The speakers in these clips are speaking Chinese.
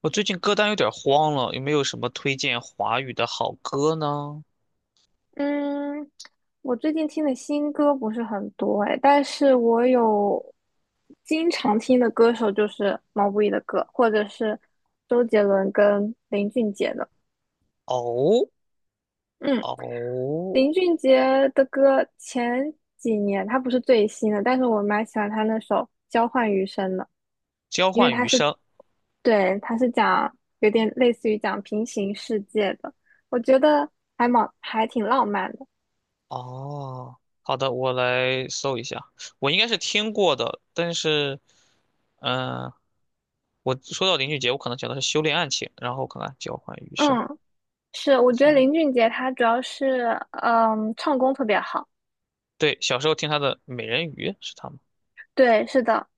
我最近歌单有点慌了，有没有什么推荐华语的好歌呢？嗯，我最近听的新歌不是很多哎，但是我有经常听的歌手就是毛不易的歌，或者是周杰伦跟林俊杰的。哦嗯，哦，林俊杰的歌前几年他不是最新的，但是我蛮喜欢他那首《交换余生》的。交因为换他余是，生。对，他是讲有点类似于讲平行世界的，我觉得还挺浪漫的。哦，好的，我来搜一下。我应该是听过的，但是，嗯、我说到林俊杰，我可能想的是《修炼爱情》，然后看看《交换余生》。嗯。是，我觉得行，林俊杰他主要是唱功特别好。对，小时候听他的《美人鱼》是他吗？对，是的，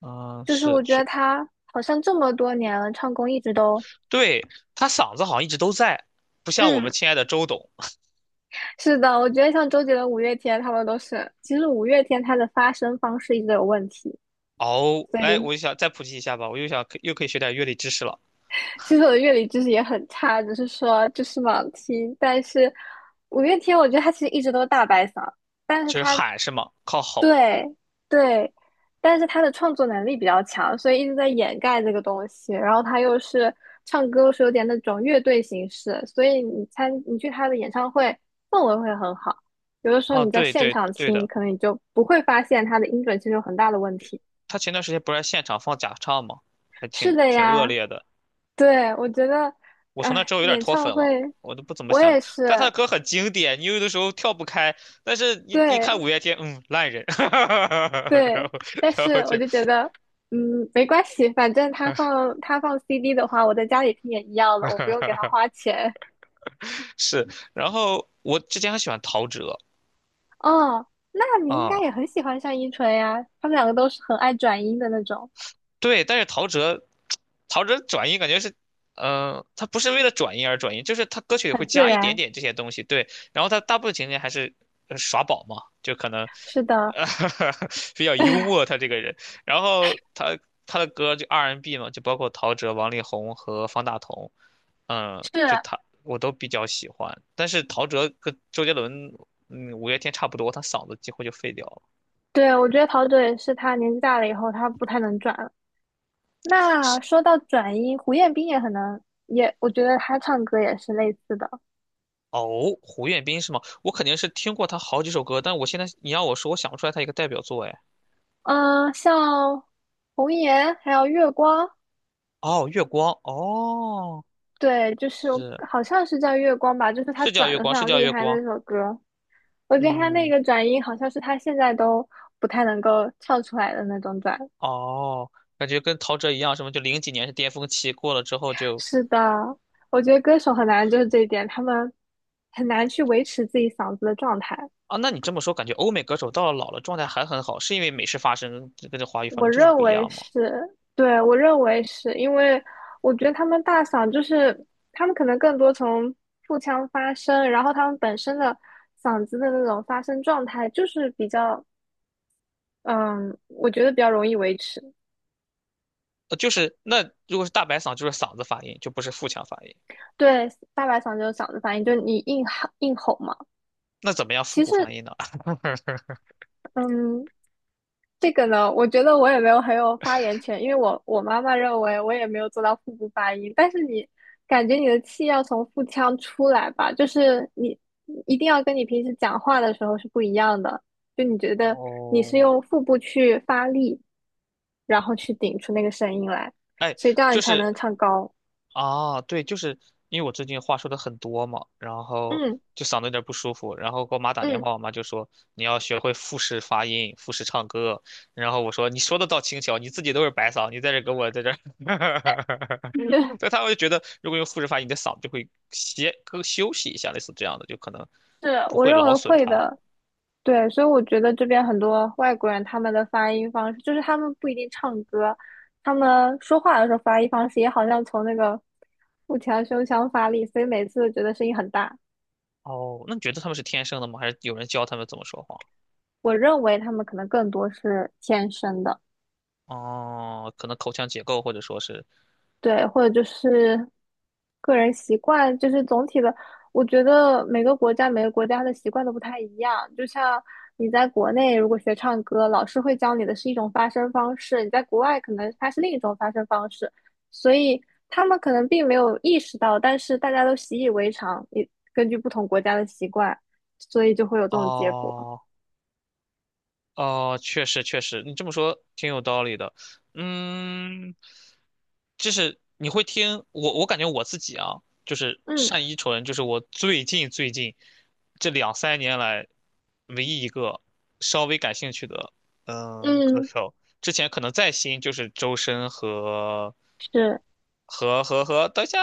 嗯、就是是我觉得是，他好像这么多年了，唱功一直都对，他嗓子好像一直都在，不像我们嗯。亲爱的周董。是的，我觉得像周杰伦、五月天他们都是，其实五月天他的发声方式一直有问题，哦，所哎，以我就想再普及一下吧，我又想又可以学点乐理知识了，其实我的乐理知识也很差，只是说就是盲听，但是五月天我觉得他其实一直都是大白嗓，但是就是他。喊是吗？靠吼。对对，但是他的创作能力比较强，所以一直在掩盖这个东西。然后他又是唱歌，是有点那种乐队形式，所以你去他的演唱会氛围会很好。有的时候啊，你在对现对场对听，的，可能你就不会发现他的音准其实有很大的问题。他前段时间不是在现场放假唱吗？还是挺的挺恶呀，劣的，对，我觉得，我从那哎，之后有点演脱唱粉了，会我都不怎么我想，也但他的是。歌很经典，你有的时候跳不开，但是一对， 看五月天，烂人，然对，后但然是后我就，就觉得，嗯，没关系，反正他放 CD 的话，我在家里听也一样了，我不用给他花 钱。是，然后我之前很喜欢陶喆。哦，那你应该也啊。很喜欢单依纯呀，他们两个都是很爱转音的那种，对，但是陶喆转音感觉是，他不是为了转音而转音，就是他歌曲里很会自加一点然。点这些东西，对，然后他大部分情节还是耍宝嘛，就可能，是的，呃，比较幽 默他这个人，然后他的歌就 R&B 嘛，就包括陶喆、王力宏和方大同，就是，他我都比较喜欢，但是陶喆跟周杰伦，五月天差不多，他嗓子几乎就废掉了。对，我觉得陶喆也是，他年纪大了以后，他不太能转了。那说到转音，胡彦斌也很能，我觉得他唱歌也是类似的。哦，胡彦斌是吗？我肯定是听过他好几首歌，但我现在你让我说，我想不出来他一个代表作哎。嗯、像红颜还有月光。哦，月光，哦，对，就是是，好像是叫月光吧，就是他是叫转月的光，非是常叫厉月害那光。首歌，我觉得他那嗯，个转音好像是他现在都不太能够唱出来的那种转。哦，感觉跟陶喆一样，什么就零几年是巅峰期，过了之后就。是的，我觉得歌手很难就是这一点，他们很难去维持自己嗓子的状态。啊，那你这么说，感觉欧美歌手到了老了状态还很好，是因为美式发声跟这华语发我声就是认不一为样吗？是，对，我认为是因为我觉得他们大嗓就是他们可能更多从腹腔发声，然后他们本身的嗓子的那种发声状态就是比较嗯，我觉得比较容易维持。就是那如果是大白嗓，就是嗓子发音，就不是腹腔发音。对，大白嗓就是嗓子发音，就是你硬吼嘛。那怎么样腹其部实，发音呢？嗯，这个呢，我觉得我也没有很有发言权，因为我妈妈认为我也没有做到腹部发音。但是你感觉你的气要从腹腔出来吧，就是你一定要跟你平时讲话的时候是不一样的。就你觉 得你是哦，用腹部去发力，然后去顶出那个声音来，哎，所以这样你就才能是。唱高。啊，对，就是因为我最近话说的很多嘛，然后嗯。就嗓子有点不舒服，然后给我妈打电嗯，话，我妈就说你要学会复式发音、复式唱歌，然后我说你说的倒轻巧，你自己都是白嗓，你在这给我在这儿，所以她会觉得如果用复式发音，你的嗓子就会歇更休息一下，类似这样的，就可能是，不我会认劳为损会它。的。对，所以我觉得这边很多外国人他们的发音方式，就是他们不一定唱歌，他们说话的时候发音方式也好像从那个腹腔胸腔发力，所以每次都觉得声音很大。哦，那你觉得他们是天生的吗？还是有人教他们怎么说话？我认为他们可能更多是天生的。哦，可能口腔结构或者说是。对，或者就是个人习惯，就是总体的，我觉得每个国家的习惯都不太一样。就像你在国内如果学唱歌，老师会教你的是一种发声方式，你在国外可能它是另一种发声方式，所以他们可能并没有意识到，但是大家都习以为常。你根据不同国家的习惯，所以就会有这种结果。哦。哦，确实确实，你这么说挺有道理的。嗯，就是你会听我，我感觉我自己啊，就是嗯。单依纯，就是我最近这两三年来唯一一个稍微感兴趣的歌嗯，手。之前可能再新就是周深和是，等一下，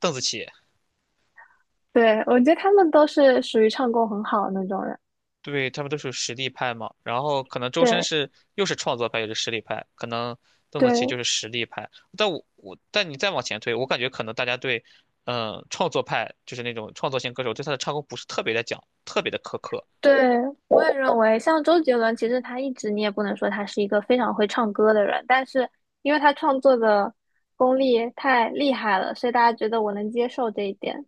邓紫棋。对，我觉得他们都是属于唱功很好的那种人。对，他们都是实力派嘛，然后可能周深对。是又是创作派又是实力派，可能邓紫棋就对。是实力派。但我我但你再往前推，我感觉可能大家对，创作派就是那种创作型歌手对他的唱功不是特别的讲，特别的苛刻。对，我也认为，像周杰伦，其实他一直你也不能说他是一个非常会唱歌的人，但是因为他创作的功力太厉害了，所以大家觉得我能接受这一点。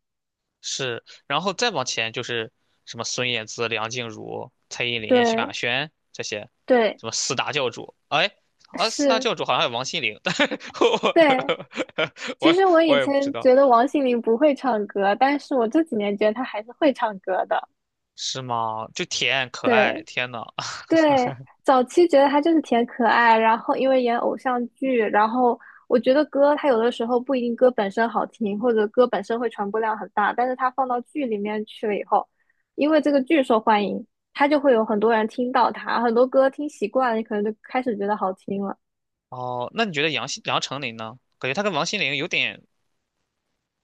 是，然后再往前就是什么孙燕姿、梁静茹、蔡依林、萧亚对。轩这些，对，什么四大教主，哎。啊，四大是，教主好像还有王心凌，但是 对。我 其我实我以我也不知前道。觉得王心凌不会唱歌，但是我这几年觉得她还是会唱歌的。是吗？就甜可爱，对，天呐！对，早期觉得他就是挺可爱，然后因为演偶像剧，然后我觉得歌他有的时候不一定歌本身好听，或者歌本身会传播量很大，但是他放到剧里面去了以后，因为这个剧受欢迎，他就会有很多人听到他，很多歌听习惯了，你可能就开始觉得好听了。哦，那你觉得杨丞琳呢？感觉她跟王心凌有点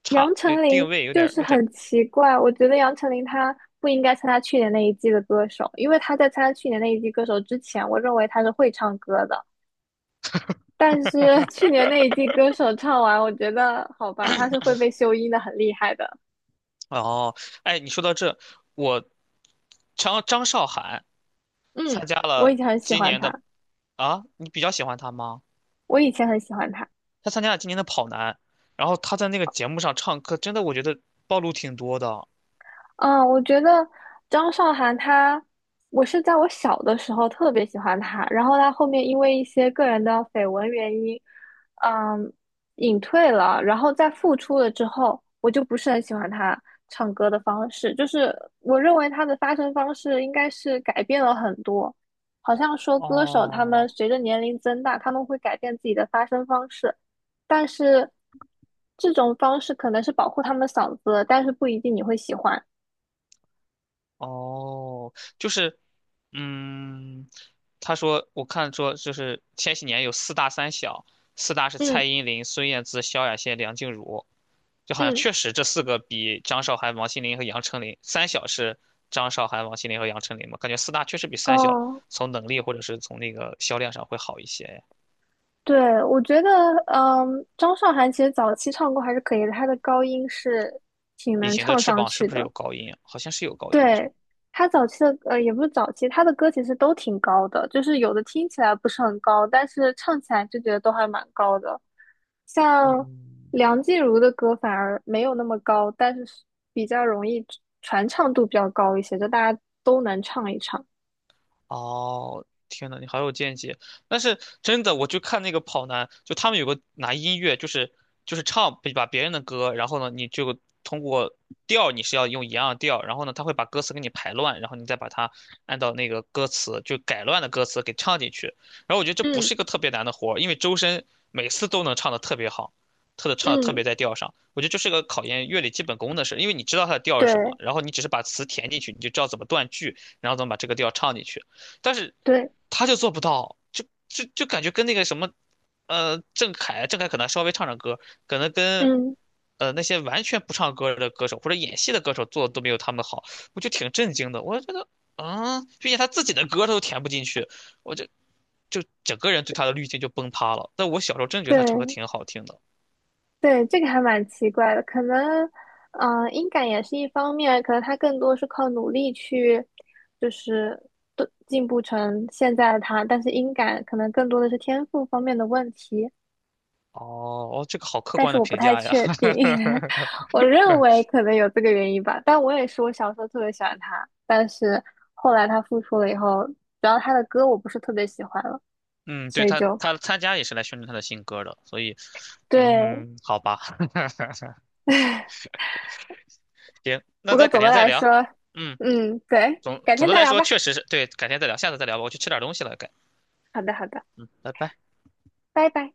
差，杨有丞定琳位有就点是有点很奇怪，我觉得杨丞琳她不应该参加去年那一季的歌手，因为她在参加去年那一季歌手之前，我认为她是会唱歌的。但是 去年那一季歌手唱完，我觉得好吧，他是会被修音的，很厉害的。哦。哎，你说到这，我张韶涵嗯，参加我以了前很喜今欢年的。他。啊，你比较喜欢她吗？我以前很喜欢他。她参加了今年的跑男，然后她在那个节目上唱歌，真的我觉得暴露挺多的。嗯，我觉得张韶涵她，我是在我小的时候特别喜欢她，然后她后面因为一些个人的绯闻原因，嗯，隐退了，然后再复出了之后，我就不是很喜欢她唱歌的方式，就是我认为她的发声方式应该是改变了很多，好像说歌手他们哦，随着年龄增大，他们会改变自己的发声方式，但是这种方式可能是保护他们嗓子，但是不一定你会喜欢。哦，就是，嗯，他说，我看说，就是千禧年有四大三小，四大是蔡嗯。依林、孙燕姿、萧亚轩、梁静茹，就好像嗯。确实这四个比张韶涵、王心凌和杨丞琳，三小是张韶涵、王心凌和杨丞琳嘛，感觉四大确实比三小哦，从能力或者是从那个销量上会好一些。对，我觉得，张韶涵其实早期唱歌还是可以的，她的高音是挺隐能形的唱翅上膀是去不是的。有高音啊？好像是有高音的，是吗？对，她早期的，也不是早期，她的歌其实都挺高的，就是有的听起来不是很高，但是唱起来就觉得都还蛮高的。像嗯，梁静茹的歌反而没有那么高，但是是比较容易传唱度比较高一些，就大家都能唱一唱。哦，天呐，你好有见解！但是真的，我就看那个跑男，就他们有个拿音乐，就是唱把别人的歌，然后呢，你就通过调你是要用一样的调，然后呢，他会把歌词给你排乱，然后你再把它按照那个歌词就改乱的歌词给唱进去。然后我觉得这不嗯。是一个特别难的活儿，因为周深每次都能唱的特别好，特的唱的特嗯，别在调上。我觉得这是个考验乐理基本功的事，因为你知道它的调是什么，对。然后你只是把词填进去，你就知道怎么断句，然后怎么把这个调唱进去。但是对，他就做不到，就感觉跟那个什么，郑恺可能稍微唱唱歌，可能跟嗯那些完全不唱歌的歌手或者演戏的歌手做的都没有他们好，我就挺震惊的。我觉得，啊，毕竟他自己的歌他都填不进去，我就整个人对他的滤镜就崩塌了。但我小时候真的觉得他唱歌对。挺好听的。对，这个还蛮奇怪的，可能，音感也是一方面，可能他更多是靠努力去，就是都进步成现在的他，但是音感可能更多的是天赋方面的问题，哦哦，这个好客但观是的我不评太价呀。确定，我认为可能有这个原因吧，但我也是我小时候特别喜欢他，但是后来他复出了以后，主要他的歌我不是特别喜欢了，嗯，所对以他，就他参加也是来宣传他的新歌的，所以，对，嗯，好吧。行，不那过咱改总的天再来聊。说，嗯，嗯，对，总改总天的再来聊说，吧，确实是对，改天再聊，下次再聊吧，我去吃点东西了，好的，好的，嗯，拜拜。拜拜。